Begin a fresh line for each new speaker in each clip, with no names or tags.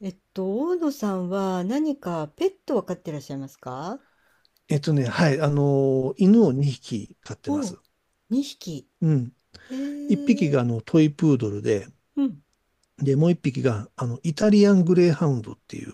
大野さんは何かペットを飼ってらっしゃいますか？
はい、犬を2匹飼ってま
おう、
す。
2匹。
うん。1
へ
匹
え。
がトイプードルで、
うん。
もう1匹がイタリアングレーハウンドっていう、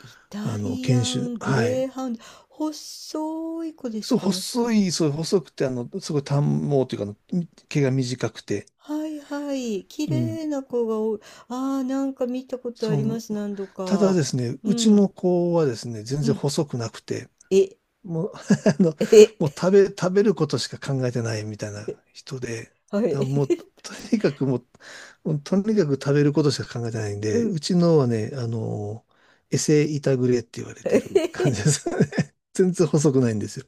イタリ
犬
ア
種。
ング
は
レ
い。
ーハウンド。細い子です
そう、
かもしか。
細い、そう、細くて、すごい短毛というか毛が短くて。
はいはい。綺
うん。
麗な子が多い。ああ、なんか見たことあ
そ
りま
の、
す。何度
ただ
か。
ですね、
う
うちの
ん。
子はですね、全
う
然
ん。
細くなくて、
え、
もう、あの、もう
え、
食べ、食べることしか考えてないみたいな人で、
はい。
だから もう、とにかくもう、もうとにかく食べることしか考えてないん
う
で、
ん。
うちのはね、エセイタグレって言われてる感 じですよね。全然細くないんですよ。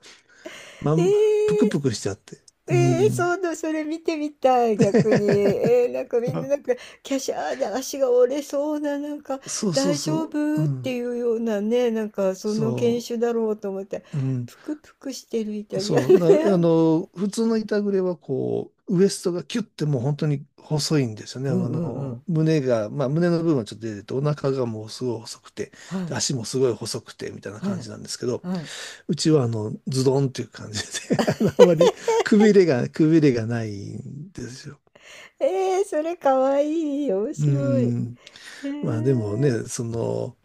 ま
え
ん、ぷく
ー
ぷくしちゃって。う
ええそう
ん。
な、それ見てみたい、逆に。えー、なんかみんな、
あ、
なんか、キャシャーで足が折れそうな、なんか、
そうそう
大丈
そう。う
夫って
ん。
いうようなね、なんか、その犬
そ
種だろうと思って、
う。うん。
ぷくぷくしてるイタリア
そう、な、あ
ン。
の、普通の板グレはこう、ウエストがキュッてもう本当に細いんですよ ね。
うんうんうん。
まあ胸の部分はちょっと出てて、お腹がもうすごい細くて、
は
で
い、
足もすごい細くて、みたいな
は
感じ
い、
なんですけど、
はい。
うちはズドンっていう感じで あんまりくびれがないんですよ。
えー、それかわいい。面
う
白い。へ
ん。
え
まあでも
ー。
ね、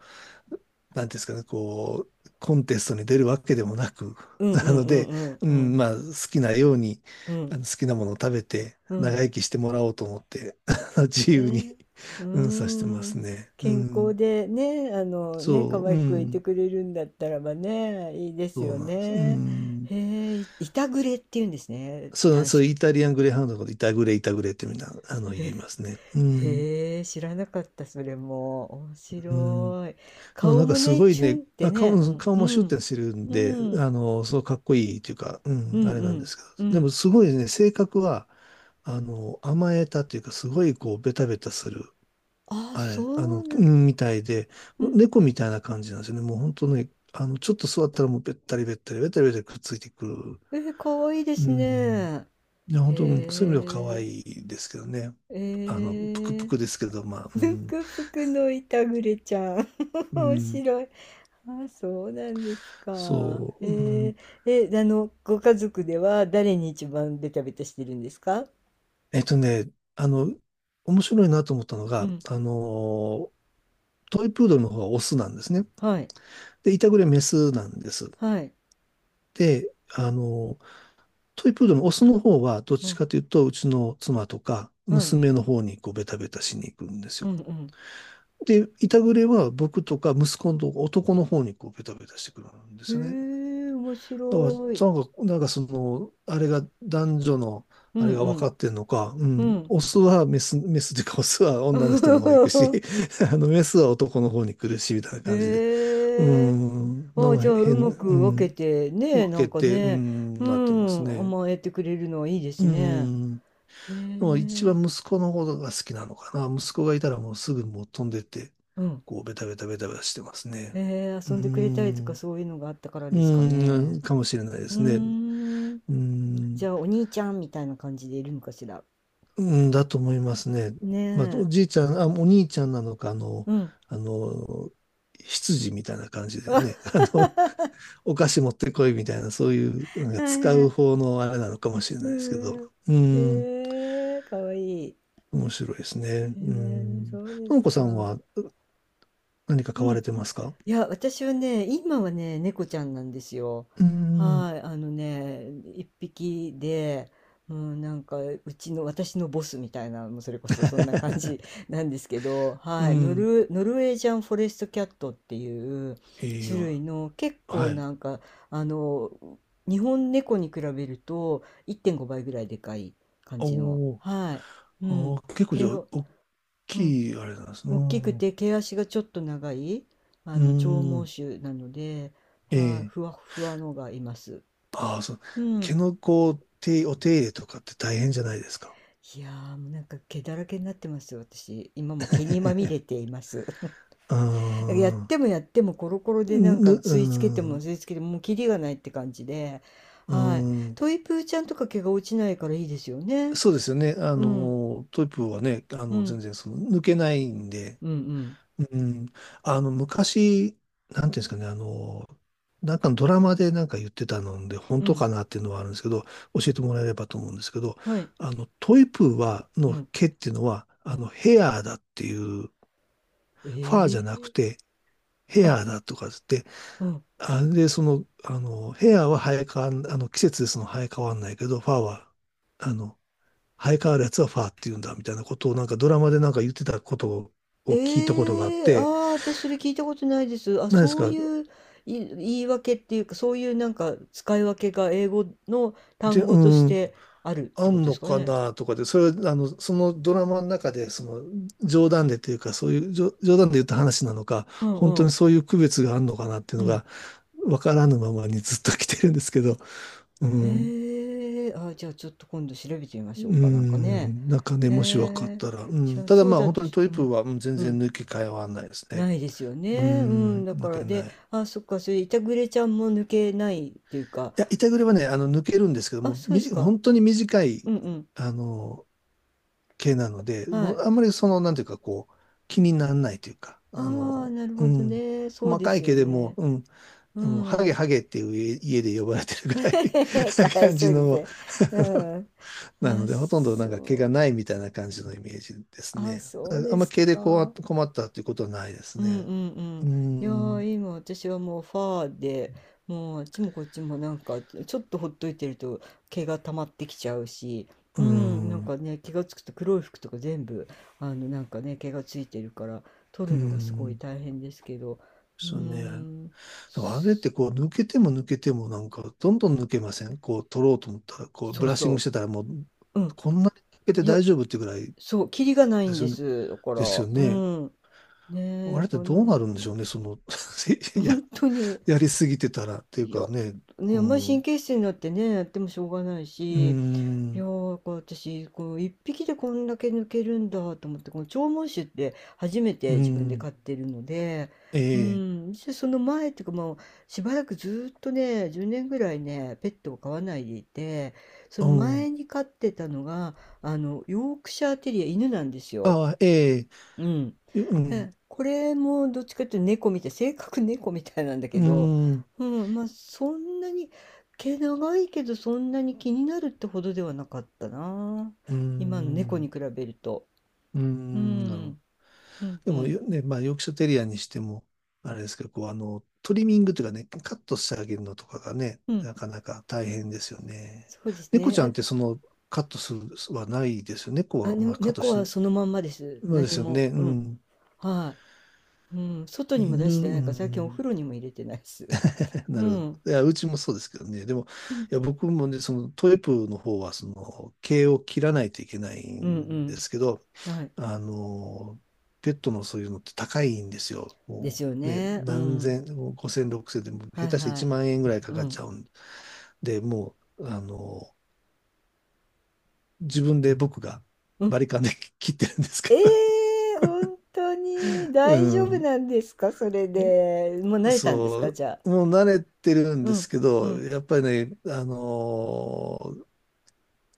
なんていうんですかね、コンテストに出るわけでもなく、
う んう
な
ん
の
う
で、
ん
う
うんう
ん、
ん。
まあ、好きなように、
うん
好きなものを食べて、
う
長
ん。
生きしてもらおうと思って、自由に、
ね、うー
うん、さしてま
ん、
すね。う
健康
ん、
でね、あのね、可
そう、う
愛くいて
ん、
くれるんだったらばね、いいで
そ
す
う
よ
なんです。う
ね。
ん、
へえ、いいたぐれっていうんですね、
そう、
短
そう、
縮。
イタリアングレーハウンドのこと、イタグレ、イタグレってみんな、言いますね。うん、
へえ、知らなかった、それも。面
うん。で
白い。
も
顔
なんか
も
す
ね、
ごい
チュンっ
ね、
て
あ、
ね、うん、
顔
う
もシュッ
ん、
てしてるんで、
うん、
そうかっこいいというか、う
う
ん、
ん、
あれ
う
なんで
ん、
すけど。
う
で
ん。
もすごいね、性格は、甘えたというか、すごいこう、ベタベタする、
あ、
あれ、
そう
う
な、
んみたいで、
うん。
猫みたいな感じなんですよね。もう本当ね、ちょっと座ったらもうべったりべったり、べったりべったりくっついてくる。
えー、かわいいで
う
すね。
ん。
へ
いや、本当、そういう意味では可
え、
愛いですけどね。
え
ぷくぷく
ー。
ですけど、まあ、う
ぬ
ん、
くぷくのいたぐれちゃん。
う
面
ん、
白い。あ、そうなんですか。
そ
え
う、うん。
ー、え、あの、ご家族では誰に一番ベタベタしてるんですか？
えっとね、あの、面白いなと思ったの
う
が、
ん。
トイプードルの方がオスなんですね。
はい。
で、イタグレメスなんです。
はい。
で、トイプードルのオスの方は、どっ
う
ち
ん。
かというと、うちの妻とか、
はい。
娘の方にこうベタベタしに行くんです
う
よ。
ん
で、イタグレは僕とか息子の男の方にこうベタベタしてくるんで
う
すよね。
ん。へえ、面
だか
白い。
ら、なんかその、あれが男女の、
う
あれが分か
ん
ってんのか、う
う
ん、
ん。
オスはメス、メスというか、オスは女の人の方行くし、
うん。
メスは男の方に来るし、みたいな感じで、う
へえ。
ん、な
あ、
んか
じゃあ、う
変、
ま
う
く分け
ん、
て、ね、
分
な
け
んか
て、う
ね、
ん、
う
なってます
ん、
ね。
甘えてくれるのはいいで
う
すね。
ん、で
へ
も一
え。
番息子の方が好きなのかな。息子がいたらもうすぐもう飛んでって、
うん。
こう、ベタベタベタベタしてます
へ
ね。
え、
う
遊んでくれたりとか
ん、
そういうのがあったからですか
う
ね。
ん、かもしれないで
う
すね。
ーん。
う
じ
ん
ゃあ、お兄ちゃんみたいな感じでいるのかしら。
うん、だと思いますね。
ね
まあ、
え。
お兄ちゃんなのか、
うん。
あの、羊みたいな感じ で
あ、
ね、お菓子持ってこいみたいな、そういう、なんか
はい
使
は
う
い。
方のあれなのかもしれ
う
ないですけど、
ん。
う
へ
ん、
え、かわいい。
面白いですね。
へ
う
え、
ん。
そうで
とも
す
こさん
か。
は何か
う
買
ん。
われてますか？
いや、私はね、今はね、猫ちゃんなんですよ。
うん。
はい、あのね、一匹で、うん、なんか、うちの、私のボスみたいな、もうそれこそそんな感じ なんですけど、
う
はい、
ん。
ノルウェージャンフォレストキャットっていう
いい
種
よ。
類の結構
は
な
い。
んか、あの、日本猫に比べると1.5倍ぐらいでかい感じの、
おー。
はい、う
あ
ん、
ー、結構じ
毛
ゃあ、
の、
大
うん、
きいあれなんですね。
大きく
う
て毛足がちょっと長い、あ
ん。
の長
うん、
毛種なので、はあ、
ええ、
ふわふわのがいます。
ああ、そう。
う
毛
ん。
のこう、お手入れとかって大変じゃないですか？
いやー、もうなんか毛だらけになってますよ。私今も毛にまみれて います。
あ
やっ
あ、
てもやってもコロコロでなんか
う
吸い付けても
ん、
吸い付けてももうキリがないって感じで、
う
はい、
ん、
トイプーちゃんとか毛が落ちないからいいですよね。
そうですよね。
うん
トイプーはね、
うん
全然その抜けないんで、
うんうん
うん、昔、なんていうんですかね、なんかのドラマでなんか言ってたので、本
う
当
ん、
かなっていうのはあるんですけど、教えてもらえればと思うんですけど、
はい、
トイプーは、
う
の
ん
毛っていうのは、
うん、
ヘアーだっていう、
え
ファーじゃ
え
なく
ー、
て、ヘ
あ、
アだとかつって、
うん、
あれで、その、あの、ヘアは生え変わん、あの、季節でその生え変わんないけど、ファーは、あの、生え変わるやつはファーって言うんだ、みたいなことをなんかドラマでなんか言ってたことを聞いたことがあっ
ええ、あ
て、
あ、私それ聞いたことないです。あ、
何です
そう
か、
いう、い、言い訳っていうか、そういうなんか使い分けが英語の
で、
単
う
語とし
ーん、
てあるっ
あ
てこと
ん
で
の
すか
か
ね。
なとかで、それそのドラマの中で、その、冗談でというか、そういう、冗談で言った話なのか、
うん
本
う
当に
ん。
そういう区別があるのかなっていう
う
の
ん。
が、わからぬままにずっと来てるんですけど、うん。
へえ、あ、じゃあちょっと今度調べてみま
う
しょうか。なんかね。
ん、なんかね、
へ
もし分かっ
え、
たら。う
じゃ
ん、
あ
ただ
そう
まあ、
だ
本
と
当に
し、
ト
う
イプー
ん、
は、全
う
然
ん。
抜け替えはないですね。
ないですよ
う
ね。うん。
ん、
だか
抜け
ら、で、
ない。
あ、そっか、それ、いたぐれちゃんも抜けないっていうか、
いや、板栗はね、抜けるんですけど
あ、
も、
そうですか。
本当に短
う
い、
んうん。
あの、毛なので、
は
も
い。
うあんまりその、なんていうか、こう、気にならないというか、
ああ、なる
う
ほど
ん、
ね。そう
細
で
か
す
い
よ
毛でも、
ね。
うん、
う
ハゲ
ん。
ハゲっていう家で呼ばれてるぐらい な
かわい
感
そ
じ
う
の
です。うん。
な
あ、
ので、ほとんどなんか毛が
そ
ないみたいな感じのイメージです
う。あ、
ね。
そう
ああ
で
んま
す
毛で困っ
か。
た困ったっていうことはないです
うん
ね。
うんう
うー
ん。いや
ん、う
ー、今私はもうファーで、もうあっちもこっちもなんか、ちょっとほっといてると毛が溜まってきちゃうし、
ー
うん、なん
ん、う
かね、気がつくと黒い服とか全部、あの、なんかね、毛がついてるから、取
ー
るのがすごい
ん。
大変ですけど、うー
そうね。
ん、
でもあれってこう抜けても抜けてもなんかどんどん抜けません、こう取ろうと思ったら、こう
そ
ブ
う
ラッシングし
そ
てたらもう
う。うん、
こんなに抜けて
いや、
大丈夫っていうぐらい
そう、キリがない
で
ん
す
で
よね。
す。だから、
ですよ
う
ね。
ん。ねえ、
あ
だ
れっ
か
て
ら
どう
な、
な るんでしょうね。その や、
本当に、
やりすぎてたらっていう
いや、
かね。
ね、
う
あんまり
ん、
神
う
経質になってね、やってもしょうがない
ー
し、いや
ん、
ー、だから私、こう、一匹でこんだけ抜けるんだと思って、この長毛酒って初め
う
て
ー
自分で
ん、
飼ってるので、う
ええ、
ん、でその前っていうかもう、しばらくずーっとね、10年ぐらいね、ペットを飼わないでいて、そ
う
の
ん。
前に飼ってたのが、あの、ヨークシャーテリア、犬なんですよ。
ああ、ええ、
うん。
うん、
え、これもどっちかっていうと猫みたい、性格猫みたいなんだ
う
けど、
ん、
うん、まあそんなに、毛長いけどそんなに気になるってほどではなかったな。
う
今の猫に
ん、
比べると。
う
う
ん、なるほど。
ん、うん、
で
う
も
ん、
よ、ね、まあ、ヨークシャテリアにしても、あれですけど、こう、トリミングというかね、カットしてあげるのとかがね、
うん。
なかなか大変ですよね。
そうです
猫ち
ね。
ゃんってその、カットするはないですよね。猫
あ、あ、
は、ま
ね、
あ、カット
猫
し、
はそのまんまです。
まあで
何
すよ
も。
ね。う
うん。
ん。
はい。うん。外にも
犬、
出して
う
ないから、最近お
ん。
風呂にも入れてないです。
な
う
るほど。
ん。
いや、うちもそうですけどね。でも、
うん、
いや、僕もね、そのトイプーの方は、その、毛を切らないといけない
う
んで
ん、
すけど、
うん。はい。
あの、ペットのそういうのって高いんですよ。
で
も
すよ
うね、
ね。う
何
ん。
千、も5千、6千で、も下
はい
手したら
は
1
い。
万円ぐらいか
う
かっ
ん。
ちゃうんで、もう、自分で僕が
う
バ
ん。
リカンで 切ってるんですけ
え
ど、
え、本当に
う
大丈夫
ん、
なんですか？それで。もう慣れたんですか？
そ
じゃ
う、
あ。
もう慣れてるん
う
で
ん、
すけ
う
ど、
ん、
やっぱりね、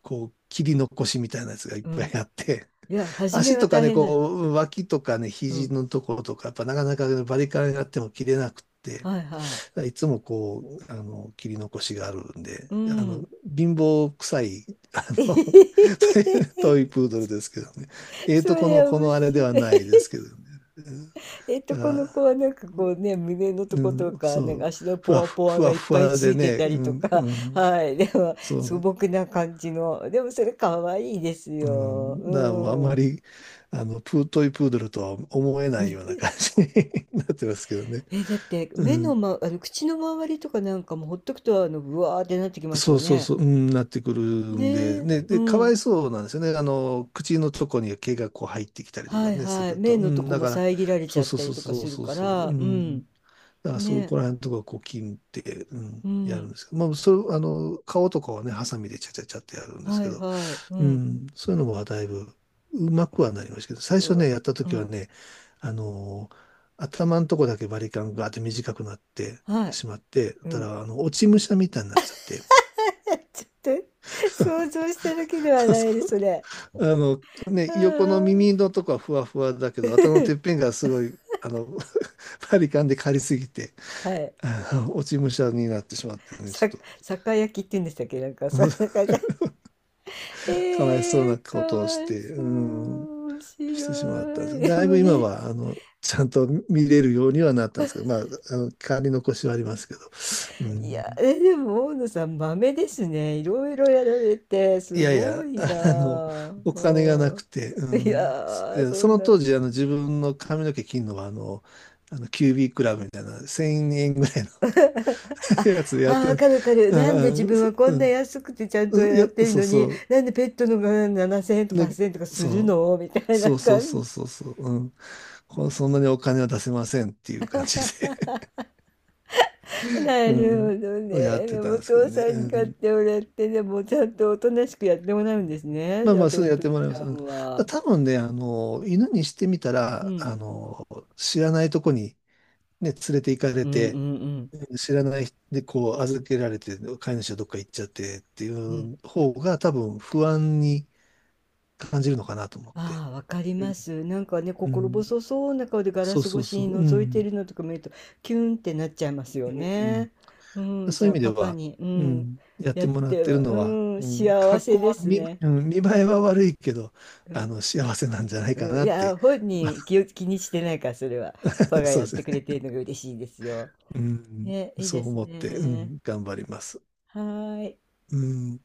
こう、切り残しみたいなやつがいっ
う
ぱ
ん。
いあって、
い や、初め
足
は
とか
大
ね、
変だよ。
こう、脇とかね、
う
肘
ん。
のところとか、やっぱなかなかねバリカンやっても切れなくて、
はいはい。
いつもこう、切り残しがあるんで、
うん、
貧乏臭い、あ
え
の、
へん。
トイプードルですけどね。
そ
こ
れ
の、こ
面
のあれで
白
は
い。
ないですけどね。うん。だか
この
ら、
子はなんかこうね、胸のと
う
こと
ん、
か、
そ
なんか
う、
足の
ふ
ポ
わ
ワ
ふ、
ポワ
ふ
が
わ
いっ
ふ
ぱい
わ
つ
で
いて
ね、
た
う
りと
ん、
か、
うん、
はい、でも
そ
素
う。
朴な感じの、でもそれ可愛いです
う
よ。
ん、だ
う
からもうあんま
ん。
り、トイプードルとは思えないような感じに なってますけどね。
え、だって
う
目の、
ん。
ま、あの口の周りとかなんかもほっとくとあのブワーってなってきます
そ
よ
うそう
ね。
そう、うん、なってくるん
ね
で、
え、
ね、
う
で、かわい
ん。
そうなんですよね。口のとこに毛がこう入ってきたりと
は
か
い
ね、す
はい。
る
目
と。う
のと
ん、
こ
だ
も
から、
遮られち
そ
ゃ
う
っ
そう
たり
そう
とか
そう
する
そう
か
そう、う
ら、う
ん。
ん。
だから、
ね
そこ
え、
ら辺のとこはこう切って、う
う
ん、やるん
ん。
ですけど、まあ、それ、顔とかはね、ハサミでちゃちゃちゃってやるんです
は
け
い
ど、
はい。う
う
ん。
ん、そういうのはだいぶうまくはなりましたけど、最
う
初
わ、
ね、やった
う
時は
ん。
ね、あのー頭のとこだけバリカンがあって短くなって
はい。
しまって、
う
た
ん。
ら、あの、落ち武者みたいになっちゃって、
ちょっと想像しただけで は
そう
な
そ
いです、
う
それ。
あの、
あ
ね、横の
ー、
耳のとこはふわふわだけど、頭のてっぺんがすごい、バリカンで刈りすぎて、
はい。
落ち武者になってしまってね、ちょ
さ、
っと、
酒焼きって言うんでしたっけ、なんか、そんな 感じ。え
かわいそうな
ー、か
ことをし
わい
て、
そ
うん、
う。面
してしまったんです
白
け
い。
ど、
で
だい
も
ぶ今
み、
は、ちゃんと見れるようにはなったんですけど、まあ、代り残しはありますけど、う
い
ん、
や、え、でも、大野さん、豆ですね。いろいろやられて、
い
す
やい
ご
や、
い
あの、
なあ。
お金がなく
う
て、う
ん。い
ん、
やー、
で
そ
そ
ん
の
な。
当時、自分の髪の毛切るのは、QB クラブみたいな、1000円ぐらい
あ、
の やつで
あ
やっ
ー、
て
わ
る、
かるわかる。
う
なんで
ん
自
うん
分
そ
はこ
う
んな
ん
安くてちゃん
う
と
んい
や
や、
ってる
そう
の
そ
に、
う、
なんでペットのが7000円とか
ね、
8000円とかする
そう。
のみたいな
そうそう
感
そう
じ。
そうそう、うん。そんなにお金は出せませんっていう感じで
な
う
るほど
ん、やっ
ね。
て
でも、
たん
お
ですけど
父
ね。
さ
う
んに買っ
ん、
てもらって、でも、ちゃんとおとなしくやってもらうんですね。
まあ
じゃ
ま
あ、
あ、
ト
すぐ
リ
やっ
プ
て
ル
もらい
ち
ま
ゃ
す。うん、
んは。
多分ね、犬にしてみた
う
ら、
ん。
知らないとこにね、連れて行かれ
うんう
て、
んうん。
知らない人でこう預けられて、飼い主はどっか行っちゃってってい
うん、
う方が多分不安に感じるのかなと思って。
ああ、わかり
う
ま
ん
す。なんかね、
う
心
ん、
細そうな顔でガラ
そう
ス
そ
越
う
し
そ
に
う。う
覗いてい
ん。
るのとか見ると、キュンってなっちゃいますよ
うん、
ね。うん、
そ
じ
うい
ゃ
う意
あ
味で
パパ
は、
に、う
う
ん、
ん、やっ
や
て
っ
もらっ
て
てる
は、
の
う
は、
ん、
うん、
幸
格好
せで
は
すね。
うん、見栄えは悪いけど、
うん、
幸せなんじゃないか
うん、
な
い
って、
や、本人気 を、気にしてないから、それは。パパが
そう
やっ
です
て
ね。
くれてるのが嬉しいですよ。
うん、
ね、いい
そ
で
う
す
思って、う
ね。
ん、頑張ります。
はーい。
うん。